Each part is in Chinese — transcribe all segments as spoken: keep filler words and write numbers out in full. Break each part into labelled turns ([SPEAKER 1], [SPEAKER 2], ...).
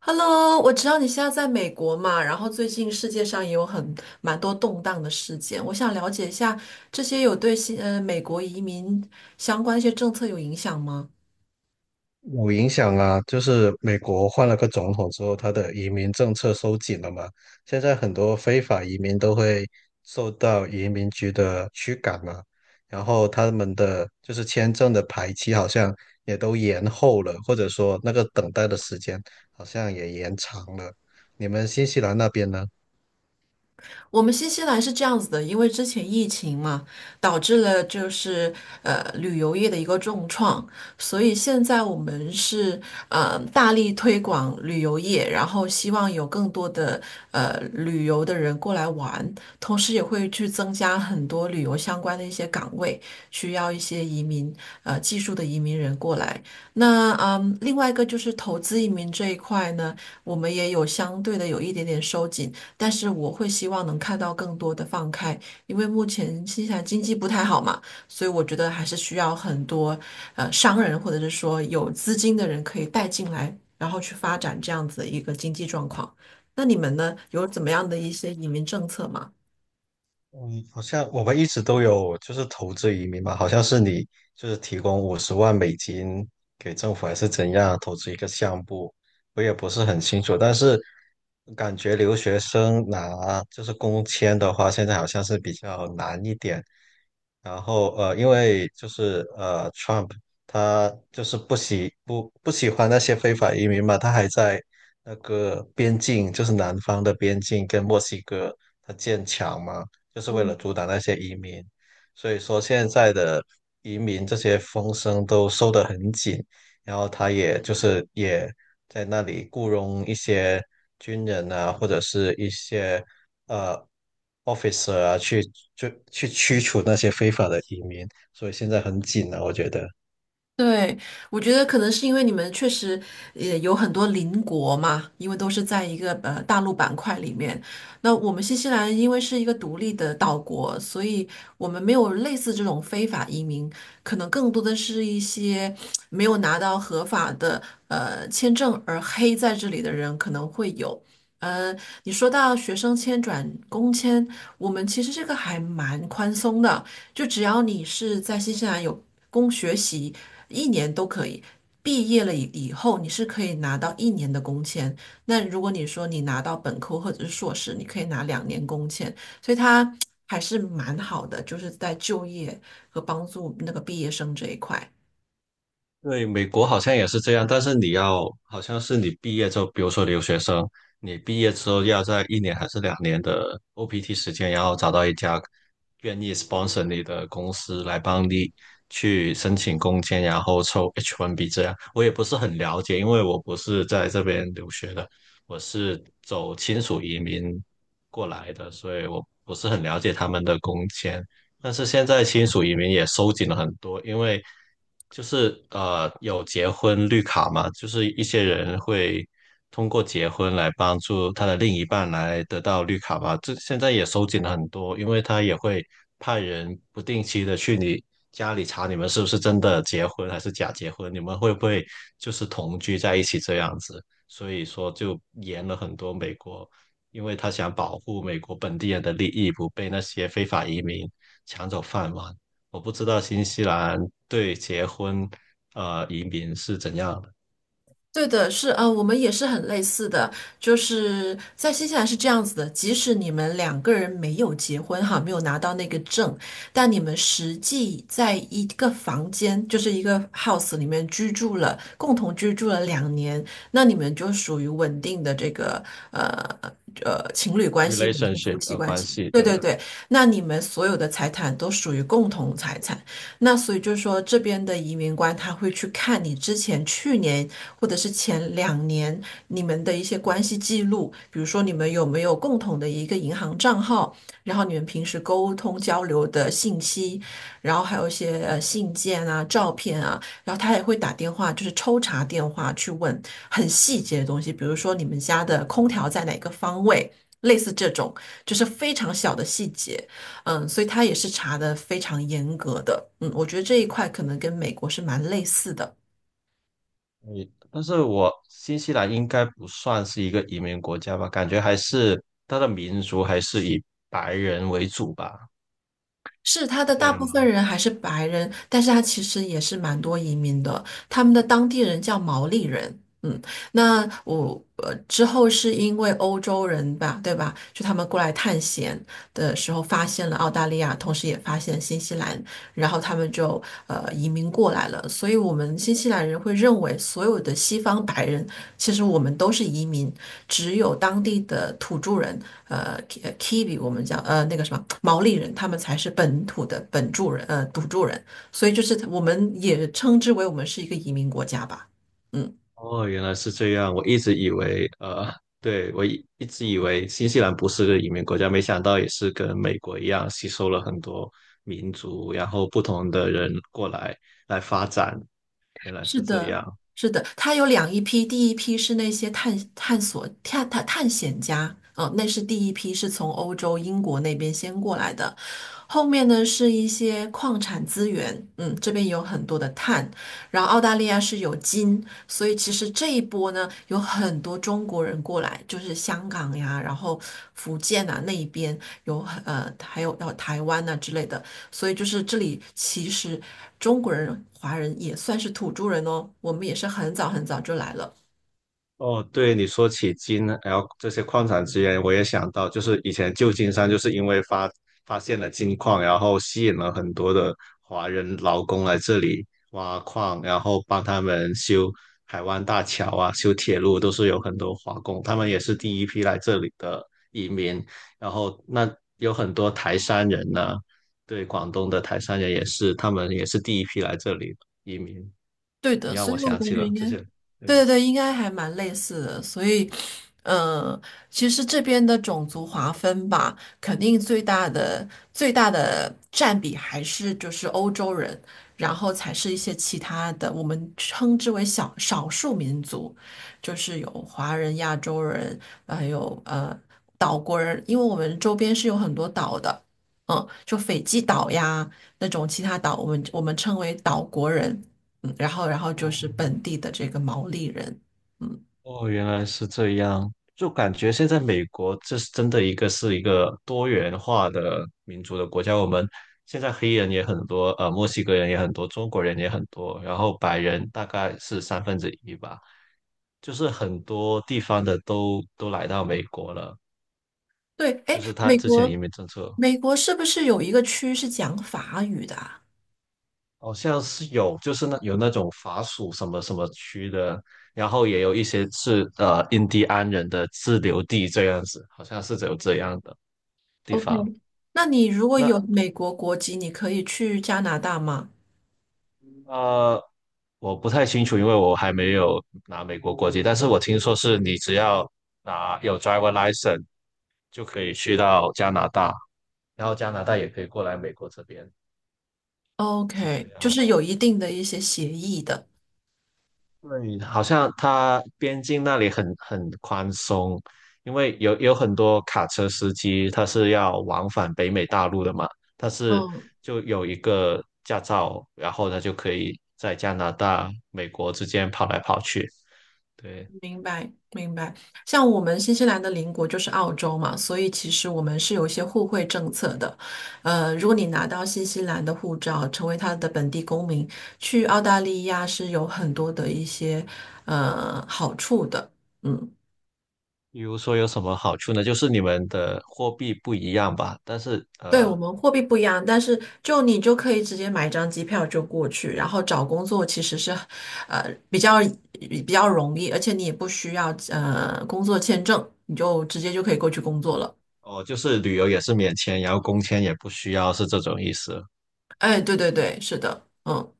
[SPEAKER 1] Hello，我知道你现在在美国嘛，然后最近世界上也有很蛮多动荡的事件，我想了解一下这些有对新呃美国移民相关一些政策有影响吗？
[SPEAKER 2] 有影响啊，就是美国换了个总统之后，他的移民政策收紧了嘛。现在很多非法移民都会受到移民局的驱赶嘛，然后他们的就是签证的排期好像也都延后了，或者说那个等待的时间好像也延长了。你们新西兰那边呢？
[SPEAKER 1] 我们新西兰是这样子的，因为之前疫情嘛，导致了就是呃旅游业的一个重创，所以现在我们是呃大力推广旅游业，然后希望有更多的呃旅游的人过来玩，同时也会去增加很多旅游相关的一些岗位，需要一些移民呃技术的移民人过来。那嗯，另外一个就是投资移民这一块呢，我们也有相对的有一点点收紧。但是我会希望能看到更多的放开，因为目前新西兰经济不太好嘛，所以我觉得还是需要很多呃商人或者是说有资金的人可以带进来，然后去发展这样子的一个经济状况。那你们呢，有怎么样的一些移民政策吗？
[SPEAKER 2] 嗯，好像我们一直都有就是投资移民嘛，好像是你就是提供五十万美金给政府还是怎样投资一个项目，我也不是很清楚。但是感觉留学生拿就是工签的话，现在好像是比较难一点。然后呃，因为就是呃，Trump 他就是不喜不不喜欢那些非法移民嘛，他还在那个边境，就是南方的边境跟墨西哥他建墙嘛。就是为了阻挡那些移民。所以说现在的移民这些风声都收得很紧，然后他也就是也在那里雇佣一些军人啊，或者是一些呃 officer 啊，去就去驱除那些非法的移民。所以现在很紧啊，我觉得。
[SPEAKER 1] 对，我觉得可能是因为你们确实也有很多邻国嘛，因为都是在一个呃大陆板块里面。那我们新西兰因为是一个独立的岛国，所以我们没有类似这种非法移民，可能更多的是一些没有拿到合法的呃签证而黑在这里的人可能会有。呃，你说到学生签转工签，我们其实这个还蛮宽松的。就只要你是在新西兰有工学习一年都可以，毕业了以以后你是可以拿到一年的工签。那如果你说你拿到本科或者是硕士，你可以拿两年工签，所以它还是蛮好的，就是在就业和帮助那个毕业生这一块。
[SPEAKER 2] 对，美国好像也是这样，但是你要，好像是你毕业之后，比如说留学生，你毕业之后要在一年还是两年的 O P T 时间，然后找到一家愿意 sponsor 你的公司来帮你去申请工签，然后抽 H 一 B 这样。我也不是很了解，因为我不是在这边留学的，我是走亲属移民过来的，所以我不是很了解他们的工签。但是现在亲属移民也收紧了很多，因为就是呃有结婚绿卡嘛，就是一些人会通过结婚来帮助他的另一半来得到绿卡吧。这现在也收紧了很多，因为他也会派人不定期的去你家里查你们是不是真的结婚还是假结婚，你们会不会就是同居在一起这样子。所以说就严了很多，美国因为他想保护美国本地人的利益不被那些非法移民抢走饭碗。我不知道新西兰对结婚呃移民是怎样的
[SPEAKER 1] 对的，是，呃，我们也是很类似的，就是在新西兰是这样子的，即使你们两个人没有结婚哈，没有拿到那个证，但你们实际在一个房间，就是一个 house 里面居住了，共同居住了两年，那你们就属于稳定的这个呃呃情侣关系或者是夫
[SPEAKER 2] relationship
[SPEAKER 1] 妻
[SPEAKER 2] 呃
[SPEAKER 1] 关
[SPEAKER 2] 关
[SPEAKER 1] 系。
[SPEAKER 2] 系，
[SPEAKER 1] 对对
[SPEAKER 2] 对，
[SPEAKER 1] 对，那你们所有的财产都属于共同财产。那所以就是说，这边的移民官他会去看你之前去年或者是前两年你们的一些关系记录，比如说你们有没有共同的一个银行账号，然后你们平时沟通交流的信息，然后还有一些呃信件啊、照片啊，然后他也会打电话，就是抽查电话去问很细节的东西，比如说你们家的空调在哪个方位。类似这种，就是非常小的细节，嗯，所以他也是查的非常严格的，嗯，我觉得这一块可能跟美国是蛮类似的。
[SPEAKER 2] 你，但是我新西兰应该不算是一个移民国家吧？感觉还是它的民族还是以白人为主吧？
[SPEAKER 1] 是他
[SPEAKER 2] 是
[SPEAKER 1] 的
[SPEAKER 2] 这
[SPEAKER 1] 大
[SPEAKER 2] 样
[SPEAKER 1] 部分
[SPEAKER 2] 吗？
[SPEAKER 1] 人还是白人，但是他其实也是蛮多移民的，他们的当地人叫毛利人。嗯，那我呃之后是因为欧洲人吧，对吧？就他们过来探险的时候发现了澳大利亚，同时也发现新西兰，然后他们就呃移民过来了。所以，我们新西兰人会认为所有的西方白人，其实我们都是移民，只有当地的土著人，呃，Ki-，Kiwi 我们叫呃那个什么毛利人，他们才是本土的本住人，呃，土著人。所以，就是我们也称之为我们是一个移民国家吧。嗯，
[SPEAKER 2] 哦，原来是这样。我一直以为，呃，对，我一一直以为新西兰不是个移民国家，没想到也是跟美国一样，吸收了很多民族，然后不同的人过来来发展。原来
[SPEAKER 1] 是
[SPEAKER 2] 是这
[SPEAKER 1] 的。
[SPEAKER 2] 样。
[SPEAKER 1] 是的，他有两一批，第一批是那些探探索探探探险家，嗯、那是第一批是从欧洲英国那边先过来的，后面呢是一些矿产资源，嗯，这边有很多的碳，然后澳大利亚是有金，所以其实这一波呢有很多中国人过来，就是香港呀，然后福建啊那一边有很呃还有到台湾呐、之类的，所以就是这里其实中国人、华人也算是土著人哦，我们也是很早很早就来了。
[SPEAKER 2] 哦，对你说起金，然后这些矿产资源，我也想到，就是以前旧金山就是因为发发现了金矿，然后吸引了很多的华人劳工来这里挖矿，然后帮他们修海湾大桥啊、修铁路，都是有很多华工，他们也是第一批来这里的移民。然后那有很多台山人呢，对，广东的台山人也是，他们也是第一批来这里移民。
[SPEAKER 1] 对
[SPEAKER 2] 你
[SPEAKER 1] 的，
[SPEAKER 2] 让
[SPEAKER 1] 所
[SPEAKER 2] 我
[SPEAKER 1] 以我
[SPEAKER 2] 想起
[SPEAKER 1] 感觉
[SPEAKER 2] 了
[SPEAKER 1] 应
[SPEAKER 2] 这
[SPEAKER 1] 该，
[SPEAKER 2] 些，对。
[SPEAKER 1] 对对对，应该还蛮类似的。所以，呃，其实这边的种族划分吧，肯定最大的最大的占比还是就是欧洲人，然后才是一些其他的，我们称之为小少数民族，就是有华人、亚洲人，还有呃岛国人，因为我们周边是有很多岛的，嗯，就斐济岛呀那种其他岛，我们我们称为岛国人。嗯，然后然后就
[SPEAKER 2] 哦，
[SPEAKER 1] 是本地的这个毛利人，嗯，
[SPEAKER 2] 哦，原来是这样，就感觉现在美国这是真的一个是一个多元化的民族的国家。我们现在黑人也很多，呃，墨西哥人也很多，中国人也很多，然后白人大概是三分之一吧，就是很多地方的都都来到美国了。
[SPEAKER 1] 对，哎，
[SPEAKER 2] 就是他
[SPEAKER 1] 美
[SPEAKER 2] 之前的移
[SPEAKER 1] 国
[SPEAKER 2] 民政策
[SPEAKER 1] 美国是不是有一个区是讲法语的啊
[SPEAKER 2] 好像是有，就是那有那种法属什么什么区的，然后也有一些是呃印第安人的自留地这样子，好像是有这样的地
[SPEAKER 1] ？OK，
[SPEAKER 2] 方。
[SPEAKER 1] 那你如果有
[SPEAKER 2] 那
[SPEAKER 1] 美国国籍，你可以去加拿大吗
[SPEAKER 2] 呃，我不太清楚，因为我还没有拿美国国籍，但是我听说是你只要拿有 driver license 就可以去到加拿大，然后加拿大也可以过来美国这边，是这
[SPEAKER 1] ？OK，就
[SPEAKER 2] 样。
[SPEAKER 1] 是有一定的一些协议的。
[SPEAKER 2] 对，好像它边境那里很很宽松，因为有有很多卡车司机他是要往返北美大陆的嘛，他是
[SPEAKER 1] 嗯
[SPEAKER 2] 就有一个驾照，然后他就可以在加拿大、美国之间跑来跑去。对，
[SPEAKER 1] 明白，明白。像我们新西兰的邻国就是澳洲嘛，所以其实我们是有一些互惠政策的。呃，如果你拿到新西兰的护照，成为他的本地公民，去澳大利亚是有很多的一些呃好处的。嗯，
[SPEAKER 2] 比如说有什么好处呢？就是你们的货币不一样吧，但是
[SPEAKER 1] 对，我
[SPEAKER 2] 呃，
[SPEAKER 1] 们货币不一样，但是就你就可以直接买一张机票就过去，然后找工作其实是呃比较比较容易，而且你也不需要呃工作签证，你就直接就可以过去工作了。
[SPEAKER 2] 哦，就是旅游也是免签，然后工签也不需要，是这种意思。
[SPEAKER 1] 哎，对对对，是的，嗯，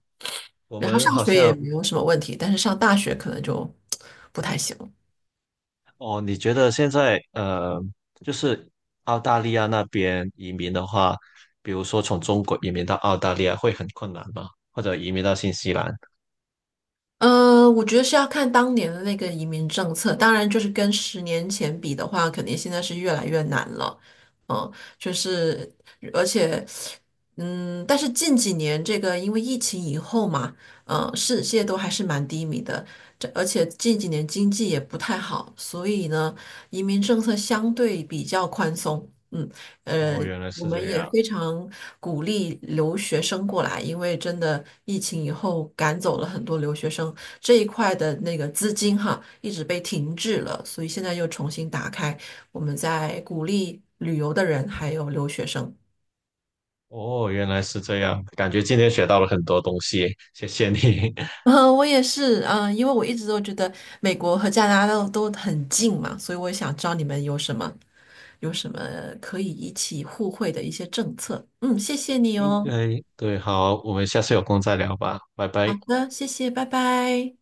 [SPEAKER 2] 我
[SPEAKER 1] 然后
[SPEAKER 2] 们
[SPEAKER 1] 上
[SPEAKER 2] 好
[SPEAKER 1] 学也
[SPEAKER 2] 像，
[SPEAKER 1] 没有什么问题，但是上大学可能就不太行。
[SPEAKER 2] 哦，你觉得现在呃，就是澳大利亚那边移民的话，比如说从中国移民到澳大利亚会很困难吗？或者移民到新西兰？
[SPEAKER 1] 呃，我觉得是要看当年的那个移民政策，当然就是跟十年前比的话，肯定现在是越来越难了。嗯，就是而且，嗯，但是近几年这个因为疫情以后嘛，嗯，世界都还是蛮低迷的，这而且近几年经济也不太好，所以呢，移民政策相对比较宽松。嗯。呃，
[SPEAKER 2] 哦，原来
[SPEAKER 1] 我
[SPEAKER 2] 是
[SPEAKER 1] 们
[SPEAKER 2] 这
[SPEAKER 1] 也
[SPEAKER 2] 样。
[SPEAKER 1] 非常鼓励留学生过来，因为真的疫情以后赶走了很多留学生，这一块的那个资金哈一直被停滞了，所以现在又重新打开，我们在鼓励旅游的人还有留学生。
[SPEAKER 2] 哦，原来是这样，感觉今天学到了很多东西，谢谢你。
[SPEAKER 1] 呃，我也是，嗯、因为我一直都觉得美国和加拿大都很近嘛，所以我也想知道你们有什么有什么可以一起互惠的一些政策。嗯，谢谢你
[SPEAKER 2] 应
[SPEAKER 1] 哦。
[SPEAKER 2] 该，对，好，我们下次有空再聊吧，拜
[SPEAKER 1] 好
[SPEAKER 2] 拜。
[SPEAKER 1] 的，谢谢，拜拜。